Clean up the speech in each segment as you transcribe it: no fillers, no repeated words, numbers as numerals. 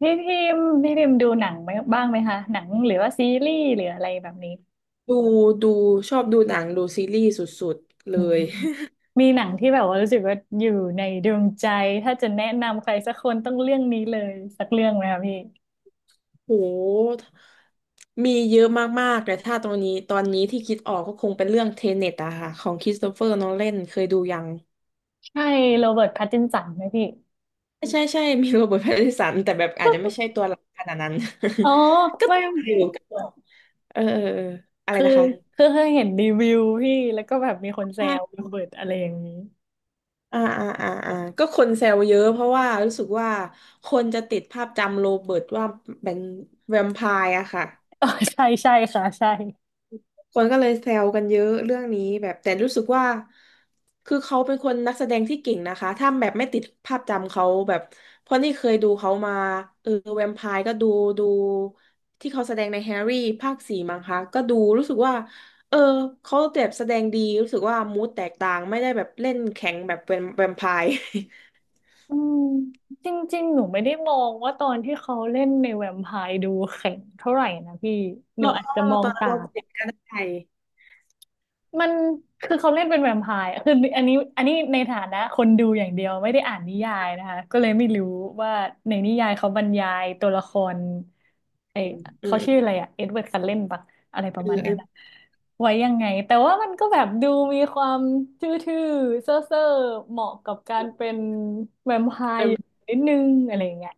พี่พิมพ์ดูหนังไหมบ้างไหมคะหนังหรือว่าซีรีส์หรืออะไรแบบนี้ดูดูชอบดูหนังดูซีรีส์สุดๆเลอืมย มีหนังที่แบบว่ารู้สึกว่าอยู่ในดวงใจถ้าจะแนะนำใครสักคนต้องเรื่องนี้เลยสักเรื่องไหมคะพี่โหมีเยอะมากๆแต่ถ้าตอนนี้ที่คิดออกก็คงเป็นเรื่องเทเน็ตอะค่ะของคริสโตเฟอร์โนแลนเคยดูยังใช่โรเบิร์ตแพตตินสันไหมพี่ ใช่ใช่ใช่มีโรเบิร์ตแพตตินสันแต่แบบอาจจะไม่ใช่ตั วหลักขนาดนั้น อ๋อ ก็ไม่ติดอยู่ก็แบบเออเออเอออะไรคือนะคะคือเคยเห็นรีวิวพี่แล้วก็แบบมีคนแซอ่วโราเบิร์ตอะไรอย่างนี้ อ่าอ่าอ่าก็คนแซวเยอะเพราะว่ารู้สึกว่าคนจะติดภาพจำโรเบิร์ตว่าเป็นแวมไพร์อะค่ะ อ๋อใช่ใช่ค่ะใช่ คนก็เลยแซวกันเยอะเรื่องนี้แบบแต่รู้สึกว่าคือเขาเป็นคนนักแสดงที่เก่งนะคะถ้าแบบไม่ติดภาพจำเขาแบบเพราะนี่เคยดูเขามาเออแวมไพร์ก็ดูดูที่เขาแสดงในแฮร์รี่ภาคสี่มั้งคะก็ดูรู้สึกว่าเออเขาแบบแสดงดีรู้สึกว่ามูดแตกต่างไม่ได้แบบเล่นแข็งแบบแวมแวม ไพร์ อืมจริงๆหนูไม่ได้มองว่าตอนที่เขาเล่นในแวมไพร์ดูแข็งเท่าไหร่นะพี่ หนูเราอาเพจราะจะว่ามเราอตงอนนั้นต่าเรางเด็กก็ได้มันคือเขาเล่นเป็นแวมไพร์อะคืออันนี้ในฐานะคนดูอย่างเดียวไม่ได้อ่านนิยายนะคะก็เลยไม่รู้ว่าในนิยายเขาบรรยายตัวละครไออืมอืเขามชื่ออะไรอะเอ็ดเวิร์ดซัเลนปะอะไรประมาณนั้นอะไว้ยังไงแต่ว่ามันก็แบบดูมีความทื่อๆเซ่อๆเหมาะกับการเป็นแวมไพเอร์ออ ยู่นิดนึงอะไรอย่างเงี้ย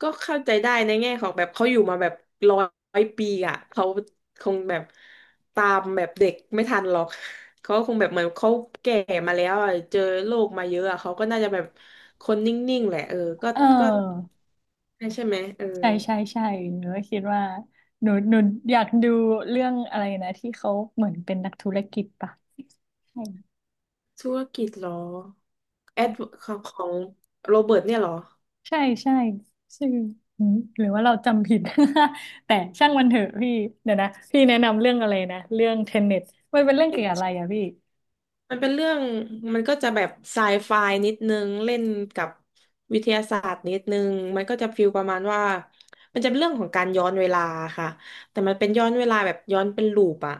ก็เข้าใจได้ในแง่ของแบบเขาอยู่มาแบบ100 ปีอ่ะเขาคงแบบตามแบบเด็กไม่ทันหรอกเขาคงแบบเหมือนเขาแก่มาแล้วอะเจอโลกมาเยอะอะเขาก็น่าจะแบบคนนิ่งๆแหละเออก็เก็ออใช่ไหมเออใช่ใช่ใช่หนูก็คิดว่าหนูอยากดูเรื่องอะไรนะที่เขาเหมือนเป็นนักธุรกิจปะใช่ธุรกิจเหรอแอดใช่ของโรเบิร์ตเนี่ยเหรอ ใช่ใช่ชื่อหืมหรือว่าเราจำผิด แต่ช่างมันเถอะพี่เดี๋ยวนะพี่แนะนำเรื่องอะไรนะเรื่องเทนเน็ตมันเป็นเรื่องเกี่ยวกับอะไรอะพี่มันเป็นเรื่องมันก็จะแบบไซไฟนิดนึงเล่นกับวิทยาศาสตร์นิดนึงมันก็จะฟีลประมาณว่ามันจะเป็นเรื่องของการย้อนเวลาค่ะแต่มันเป็นย้อนเวลาแบบย้อนเป็นลูปอะ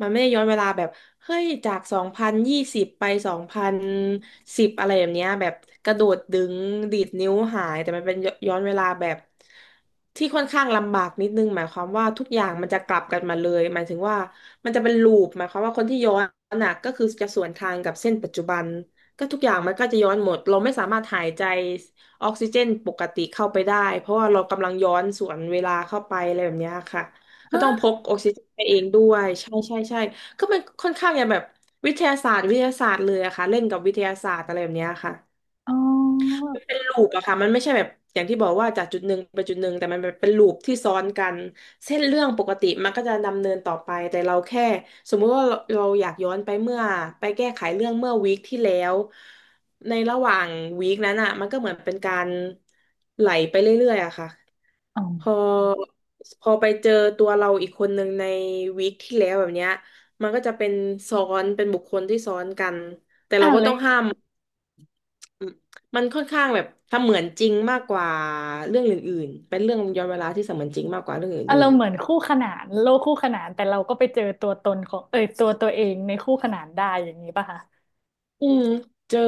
มันไม่ได้ย้อนเวลาแบบเฮ้ยจาก2020ไป2010อะไรแบบเนี้ยแบบกระโดดดึงดีดนิ้วหายแต่มันเป็นย้อนเวลาแบบที่ค่อนข้างลำบากนิดนึงหมายความว่าทุกอย่างมันจะกลับกันมาเลยหมายถึงว่ามันจะเป็นลูปหมายความว่าคนที่ย้อนน่ะก็คือจะสวนทางกับเส้นปัจจุบันก็ทุกอย่างมันก็จะย้อนหมดเราไม่สามารถหายใจออกซิเจนปกติเข้าไปได้เพราะว่าเรากำลังย้อนสวนเวลาเข้าไปอะไรแบบเนี้ยค่ะ ก็ต้องพฮะกออกซิเจนไปเองด้วยใช่ใช่ใช่ก็มันค่อนข้างอย่างแบบวิทยาศาสตร์วิทยาศาสตร์เลยอะค่ะเล่นกับวิทยาศาสตร์อะไรแบบเนี้ยค่ะอ๋อมันเป็นลูปอะค่ะมันไม่ใช่แบบอย่างที่บอกว่าจากจุดหนึ่งไปจุดหนึ่งแต่มันแบบเป็นลูปที่ซ้อนกันเส้นเรื่องปกติมันก็จะดำเนินต่อไปแต่เราแค่สมมุติว่าเราอยากย้อนไปเมื่อไปแก้ไขเรื่องเมื่อวีคที่แล้วในระหว่างวีคนั้นอะมันก็เหมือนเป็นการไหลไปเรื่อยๆอะค่ะ อ๋อพอพอไปเจอตัวเราอีกคนหนึ่งในวีคที่แล้วแบบเนี้ยมันก็จะเป็นซ้อนเป็นบุคคลที่ซ้อนกันแต่อ่าเรานก็เลต้อยงห้ามมันค่อนข้างแบบเสมือนจริงมากกว่าเรื่องอื่นๆเป็นเรื่องย้อนเวลาที่เสมือนจริงมากกว่าเรื่องอาอื่รน มณ์เหมือนคู่ขนานโลกคู่ขนานแต่เราก็ไปเจอตัวตนของเอยตัวเองในคู่ขนานได้อย่างนี้ป่ะคะ อืมเจอ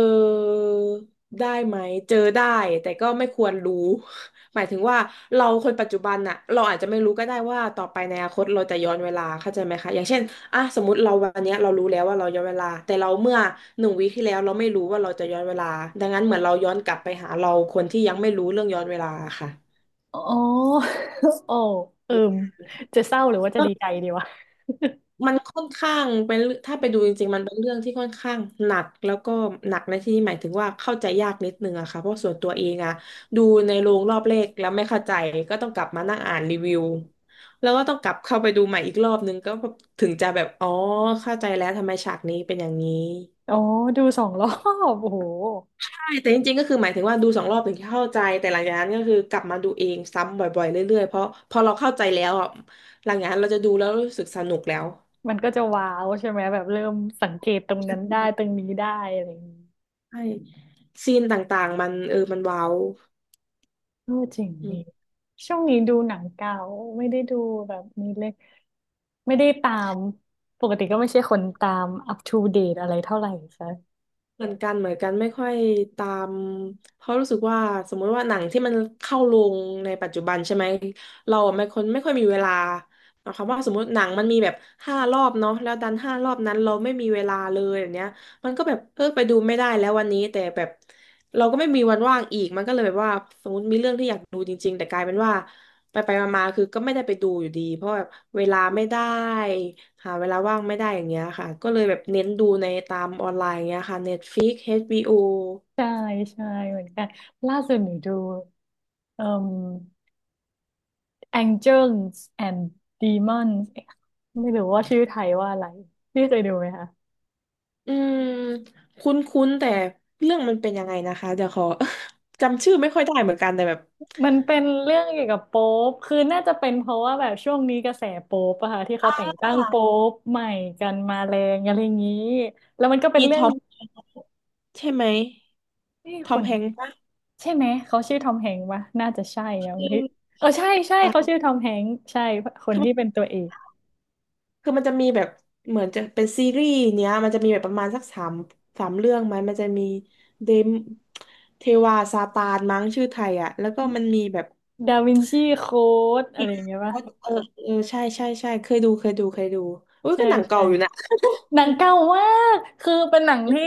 ได้ไหมเจอได้แต่ก็ไม่ควรรู้ หมายถึงว่าเราคนปัจจุบันน่ะเราอาจจะไม่รู้ก็ได้ว่าต่อไปในอนาคตเราจะย้อนเวลาเข้าใจไหมคะอย่างเช่นอ่ะสมมติเราวันเนี้ยเรารู้แล้วว่าเราย้อนเวลาแต่เราเมื่อ1 วีคที่แล้วเราไม่รู้ว่าเราจะย้อนเวลาดังนั้นเหมือนเราย้อนกลับไปหาเราคนที่ยังไม่รู้เรื่องย้อนเวลาค่ะ อ๋อ โอ้เอิมจะเศร้าหรือว่าจะดีใจดีวะ มันค่อนข้างเป็นเรื่องถ้าไปดูจริงๆมันเป็นเรื่องที่ค่อนข้างหนักแล้วก็หนักในที่นี้หมายถึงว่าเข้าใจยากนิดนึงอะค่ะเพราะส่วนตัวเองอะดูในโรงรอบแรกแล้วไม่เข้าใจก็ต้องกลับมานั่งอ่านรีวิวแล้วก็ต้องกลับเข้าไปดูใหม่อีกรอบนึงก็ถึงจะแบบอ๋อเข้าใจแล้วทำไมฉากนี้เป็นอย่างนี้อ๋อ ดูสองรอบ โอ้โหใช่แต่จริงๆก็คือหมายถึงว่าดู2 รอบถึงจะเข้าใจแต่หลังจากนั้นก็คือกลับมาดูเองซ้ำบ่อยๆเรื่อยๆเพราะพอเราเข้าใจแล้วอะหลังจากนั้นเราจะดูแล้วรู้สึกสนุกแล้ว มันก็จะว้าวใช่ไหม แบบเริ่มสังเกตตรงนั้นได้ตรงนี้ได้อะไรอย่างนี้ใช่ซีนต่างๆมันมันว้าวเออเจริงอืดี มช่วงนี้ดูหนังเก่าไม่ได้ดูแบบนี้เลยไม่ได้ตาม ปกติก็ไม่ใช่คนตามอัป o d เด e อะไรเท่าไหร่ใช่เหมือนกันเหมือนกันไม่ค่อยตามเพราะรู้สึกว่าสมมุติว่าหนังที่มันเข้าโรงในปัจจุบันใช่ไหมเราอะไม่คนไม่ค่อยมีเวลาหมายความว่าสมมติหนังมันมีแบบห้ารอบเนาะแล้วดันห้ารอบนั้นเราไม่มีเวลาเลยอย่างเนี้ยมันก็แบบเออไปดูไม่ได้แล้ววันนี้แต่แบบเราก็ไม่มีวันว่างอีกมันก็เลยแบบว่าสมมติมีเรื่องที่อยากดูจริงๆแต่กลายเป็นว่า ไปมาๆคือก็ไม่ได้ไปดูอยู่ดีเพราะแบบเวลาไม่ได้หาเวลาว่างไม่ได้อย่างเงี้ยค่ะก็เลยแบบเน้นดูในตามออนไลน์อย่างเงี้ยค่ะ Netflix HBO อชบีโอใช่ใช่เหมือนกันล่าสุดหนูดูเอ่ม Angels and Demons เอ๊ะไม่รู้ว่าชื่อไทยว่าอะไรพี่เคยดูไหมคะอืมคุ้นๆแต่เรื่องมันเป็นยังไงนะคะเดี๋ยวขอ จำชื่อไม่ค่อยได้เหมือนกันแต่แบบมันเป็นเรื่องเกี่ยวกับโป๊ปคือน่าจะเป็นเพราะว่าแบบช่วงนี้กระแสโป๊ปอะค่ะที่อ่าเขาแต่งตั้งโป๊ปใหม่กันมาแรงอะไรอย่างนี้แล้วมันก็เป็นมีเรื่ทองอมใช่ไหมที่ทคอมนแฮงค์ปะใช่ไหมเขาชื่อทอมแฮงค์ปะน่าจะใช่นะอพี่มเออใช่ใช่อ่ะ เขาชื่อทอมแฮงค์ใช่คนที่เป็นตัวเอกคือมันจะมีแบบเหมือนจะเป็นซีรีส์เนี้ยมันจะมีแบบประมาณสักสามเรื่องไหมมันจะมีเดมเทวาซาตานมั้งชื่อไทยอ่ะแล้วก็มันมีแบบดาวินชีโค้ดอะไรอย่างเงี้ยเอปะอใช่เคยดูอุ้ยใช่ก็หนังใช่ เก่าอยู่นะ หนั งเก่ามากคือเป็นหนังที่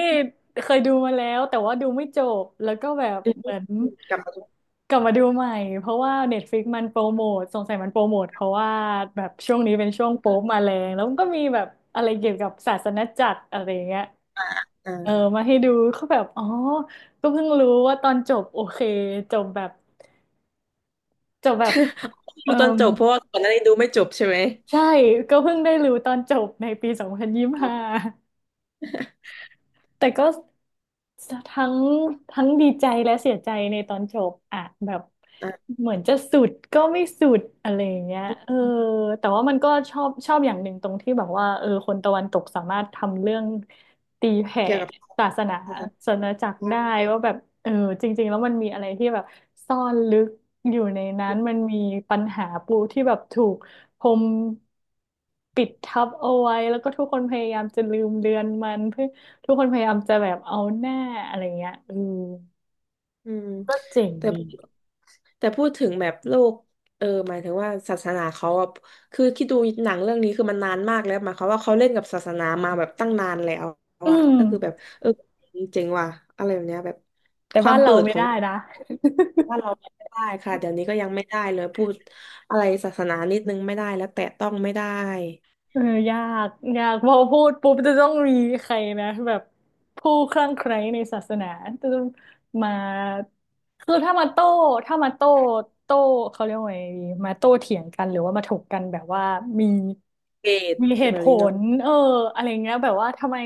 เคยดูมาแล้วแต่ว่าดูไม่จบแล้วก็แบบอืเหมือนมกลับมาดูกลับมาดูใหม่เพราะว่า Netflix มันโปรโมทสงสัยมันโปรโมทเพราะว่าแบบช่วงนี้เป็นช่วงโป๊ปมาแรงแล้วมันก็มีแบบอะไรเกี่ยวกับศาสนจักรอะไรอย่างเงี้ยเอออ่า มาให้ดูเขาแบบอ๋อก็เพิ่งรู้ว่าตอนจบโอเคจบแบบจบแบบ เอดูอตอนจบเพราะว่าก่อนหน้านี้ดูไม่จบใช่ไหมใช่ก็เพิ่งได้รู้ตอนจบในปีสองพันยี่สิบอ่ห้า าแต่ก็ทั้งทั้งดีใจและเสียใจในตอนจบอะแบบอ่าเหมือนจะสุดก็ไม่สุดอะไรอย่างเงี้ยเออแต่ว่ามันก็ชอบอย่างหนึ่งตรงที่แบบว่าเออคนตะวันตกสามารถทำเรื่องตีแผ่เกี่ยวกับ ศาสนา นะคะ ศาสนาจักรได้ว่าแบบเออจริงๆแล้วมันมีอะไรที่แบบซ่อนลึกอยู่ในนั้นมันมีปัญหาปูที่แบบถูกพรมปิดทับเอาไว้แล้วก็ทุกคนพยายามจะลืมเลือนมันเพื่อ ทุกคนพยายามจะแบบเอาหน้าอะไรเงี้ยเอออืมก็เจ๋งแต่ดีแต่พูดถึงแบบโลกเออหมายถึงว่าศาสนาเขาอะคือคิดดูหนังเรื่องนี้คือมันนานมากแล้วหมายความว่าเขาเล่นกับศาสนามาแบบตั้งนานแล้วอือะมก็คือแบบเออเจ๋งว่ะอะไรแบบเนี้ยแบบแต่ควาบ้ามนเปิเราดไม่ของได้นะ ว่านเราไม่ได้ค่ะเดี๋ยวนี้ก็ยังไม่ได้เลยพูดอะไรศาสนานิดนึงไม่ได้แล้วแตะต้องไม่ได้เออยากยากพอพูดปุ๊บจะต้องมีใครนะแบบผู้คลั่งไคล้ในศาสนาจะต้องมาคือถ้ามาโต้ถ้ามาโต้โต้เขาเรียกว่าไงดีมาโต้เถียงกันหรือว่ามาถกกันแบบว่ามีเกลียดมีเหแบตุผบนี้เนาะลเอออะไรเงี้ยแบบว่าทำไม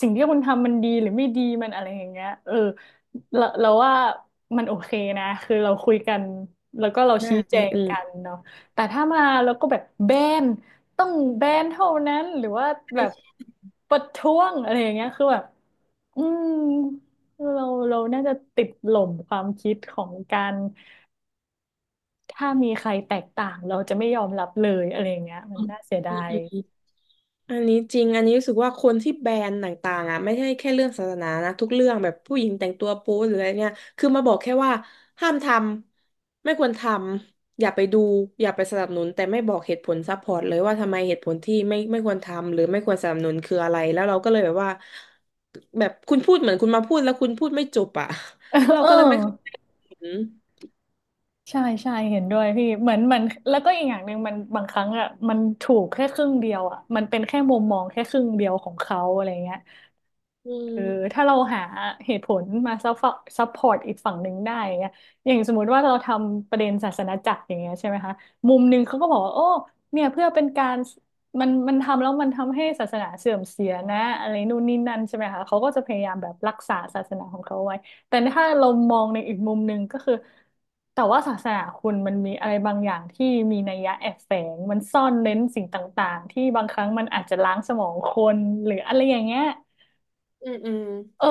สิ่งที่คุณทำมันดีหรือไม่ดีมันอะไรอย่างเงี้ยเออเราว่ามันโอเคนะคือเราคุยกันแล้วก็เราใช่ชี้แจงอืม กันเนาะแต่ถ้ามาแล้วก็แบบแบน ต้องแบนเท่านั้นหรือว่าแบบประท้วงอะไรอย่างเงี้ยคือแบบอืมเราเราน่าจะติดหล่มความคิดของการถ้ามีใครแตกต่างเราจะไม่ยอมรับเลยอะไรอย่างเงี้ยมันน่าเสียดาย อันนี้จริงอันนี้รู้สึกว่าคนที่แบนต่างๆอ่ะไม่ใช่แค่เรื่องศาสนานะทุกเรื่องแบบผู้หญิงแต่งตัวโป๊หรืออะไรเนี่ยคือมาบอกแค่ว่าห้ามทำไม่ควรทำอย่าไปดูอย่าไปสนับสนุนแต่ไม่บอกเหตุผลซัพพอร์ตเลยว่าทำไมเหตุผลที่ไม่ควรทำหรือไม่ควรสนับสนุนคืออะไรแล้วเราก็เลยแบบว่าแบบคุณพูดเหมือนคุณมาพูดแล้วคุณพูดไม่จบอ่ะ เออ เราเออก็เลยไม่เข้าใจเหตุผลใช่ใช่เห็นด้วยพี่เหมือนเหมันแล้วก็อีกอย่างหนึ่งมันบางครั้งอ่ะมันถูกแค่ครึ่งเดียวอ่ะมันเป็นแค่มุมมองแค่ครึ่งเดียวของเขาอะไรเงี้ย อืเออมถ้าเราหาเหตุผลมาซัพซัพพอร์ตอีกฝั่งหนึ่งได้อย่างเงี้ยอย่างสมมติว่าเราทำประเด็นศาสนาจักรอย่างเงี้ยใช่ไหมคะมุมหนึ่งเขาก็บอกว่าโอ้เนี่ยเพื่อเป็นการมันทำแล้วมันทำให้ศาสนาเสื่อมเสียนะอะไรนู่นนี่นั่นใช่ไหมคะเขาก็จะพยายามแบบรักษาศาสนาของเขาไว้แต่ถ้าเรามองในอีกมุมหนึ่งก็คือแต่ว่าศาสนาคุณมันมีอะไรบางอย่างที่มีนัยยะแอบแฝงมันซ่อนเร้นสิ่งต่างๆที่บางครั้งมันอาจจะล้างสมองคนหรืออะไรอย่างเงี้ย อืมอืมเออ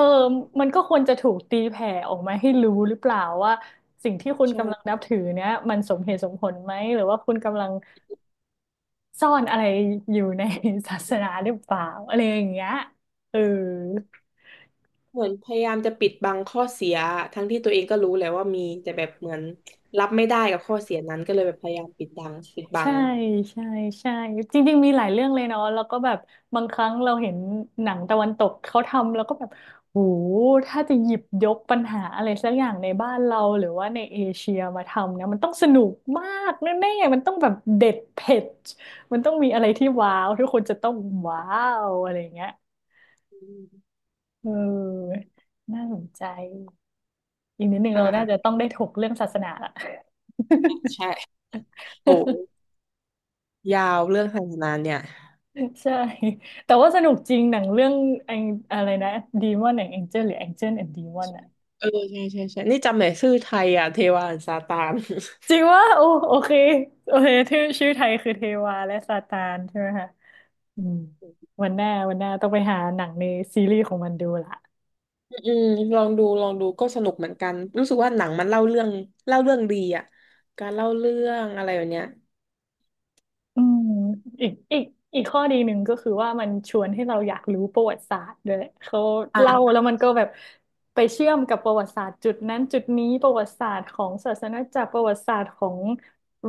มันก็ควรจะถูกตีแผ่ออกมาให้รู้หรือเปล่าว่าสิ่งที่คุณใช่ กำลังนับถือเนี้ยมันสมเหตุสมผลไหมหรือว่าคุณกำลังซ่อนอะไรอยู่ใน ศาสนาหรือเปล่าอะไรอย่างเงี้ยเออ เหมือนพยายามจะปิดบังข้อเสียทั้งที่ตัวเองก็รู้แหละว่ามีแต่แบบเหมือนรับไม่ได้กับข้อเสียนั้นก็เลยแบบพยายามปิดบังปิดบัใช่งใช่ใช่จริงๆมีหลายเรื่องเลยเนาะแล้วก็แบบบางครั้งเราเห็นหนังตะวันตกเขาทำแล้วก็แบบโหถ้าจะหยิบยกปัญหาอะไรสักอย่างในบ้านเราหรือว่าในเอเชียมาทำนะมันต้องสนุกมากแน่ๆมันต้องแบบเด็ดเผ็ดมันต้องมีอะไรที่ว้าวทุกคนจะต้องว้าวอะไรอย่างเงี้ยอืมเออน่าสนใจอีกนิดหนึ่งอ่เราน่าจะต้าองได้ถกเรื่องศาสนาละ ใช่โอ้ยาวเรื่องไฮนานเนี่ยใช่แต่ว่าสนุกจริงหนังเรื่องแองอะไรนะดีมอนแองเจิลหรือแองเจิลแอนดดีมอนอะใช่นี่จำไหนอยชื่อไทยอ่ะเทวาอันซาตาน จริง ว่าโอ้โอเคโอเคชื่อไทยคือเทวาและซาตานใช่ไหมคะอืมวันหน้าต้องไปหาหนังในซีรีส์ของมันดูละ อืมลองดูก็สนุกเหมือนกันรู้สึกว่าหนังมันเล่าเรื่องเล่าเรื่องดีอ่ะการเล่าเรื่องอะไรแบบเนี้ยอืมอีกอีกอีกข้อดีหนึ่งก็คือว่ามันชวนให้เราอยากรู้ประวัติศาสตร์ด้วยเขาเล่าอ่ะแล้วมันก็แบบไปเชื่อมกับประวัติศาสตร์จุดนั้นจุดนี้ประวัติศาสตร์ของศาสนาจักรประวัติศาสตร์ของ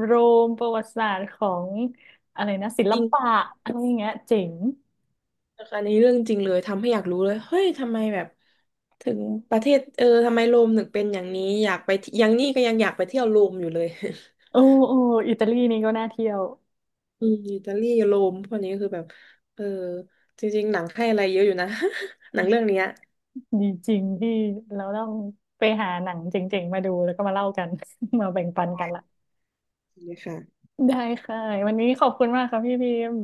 โรมประวัติศาสตร์ของอะไรนะศิลจริง ปะอะไรอย่างเงี้ยเจ๋งนะคะอันนี้เรื่องจริงเลยทำให้อยากรู้เลยเฮ้ยทำไมแบบถึงประเทศเออทำไมโรมถึงเป็นอย่างนี้อยากไปที่ยังนี่ก็ยังอยากไปเที่ยวโรมอยู่เลย โอ้โอ้อิตาลีนี่ก็น่าเที่ยว อืมอิตาลีโรมพวกนี้คือแบบเออจริงๆหนังให้อะไรเยอะอยู่นะ หนังเรื่องเนี้ยดีจริงที่เราต้องไปหาหนังเจ๋งๆมาดูแล้วก็มาเล่ากัน มาแบ่งปันกันใช่ละเลยค่ะได้ค่ะวันนี้ขอบคุณมากครับพี่พิมพ์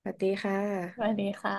สวัสดีค่สวัสะดีค่ะ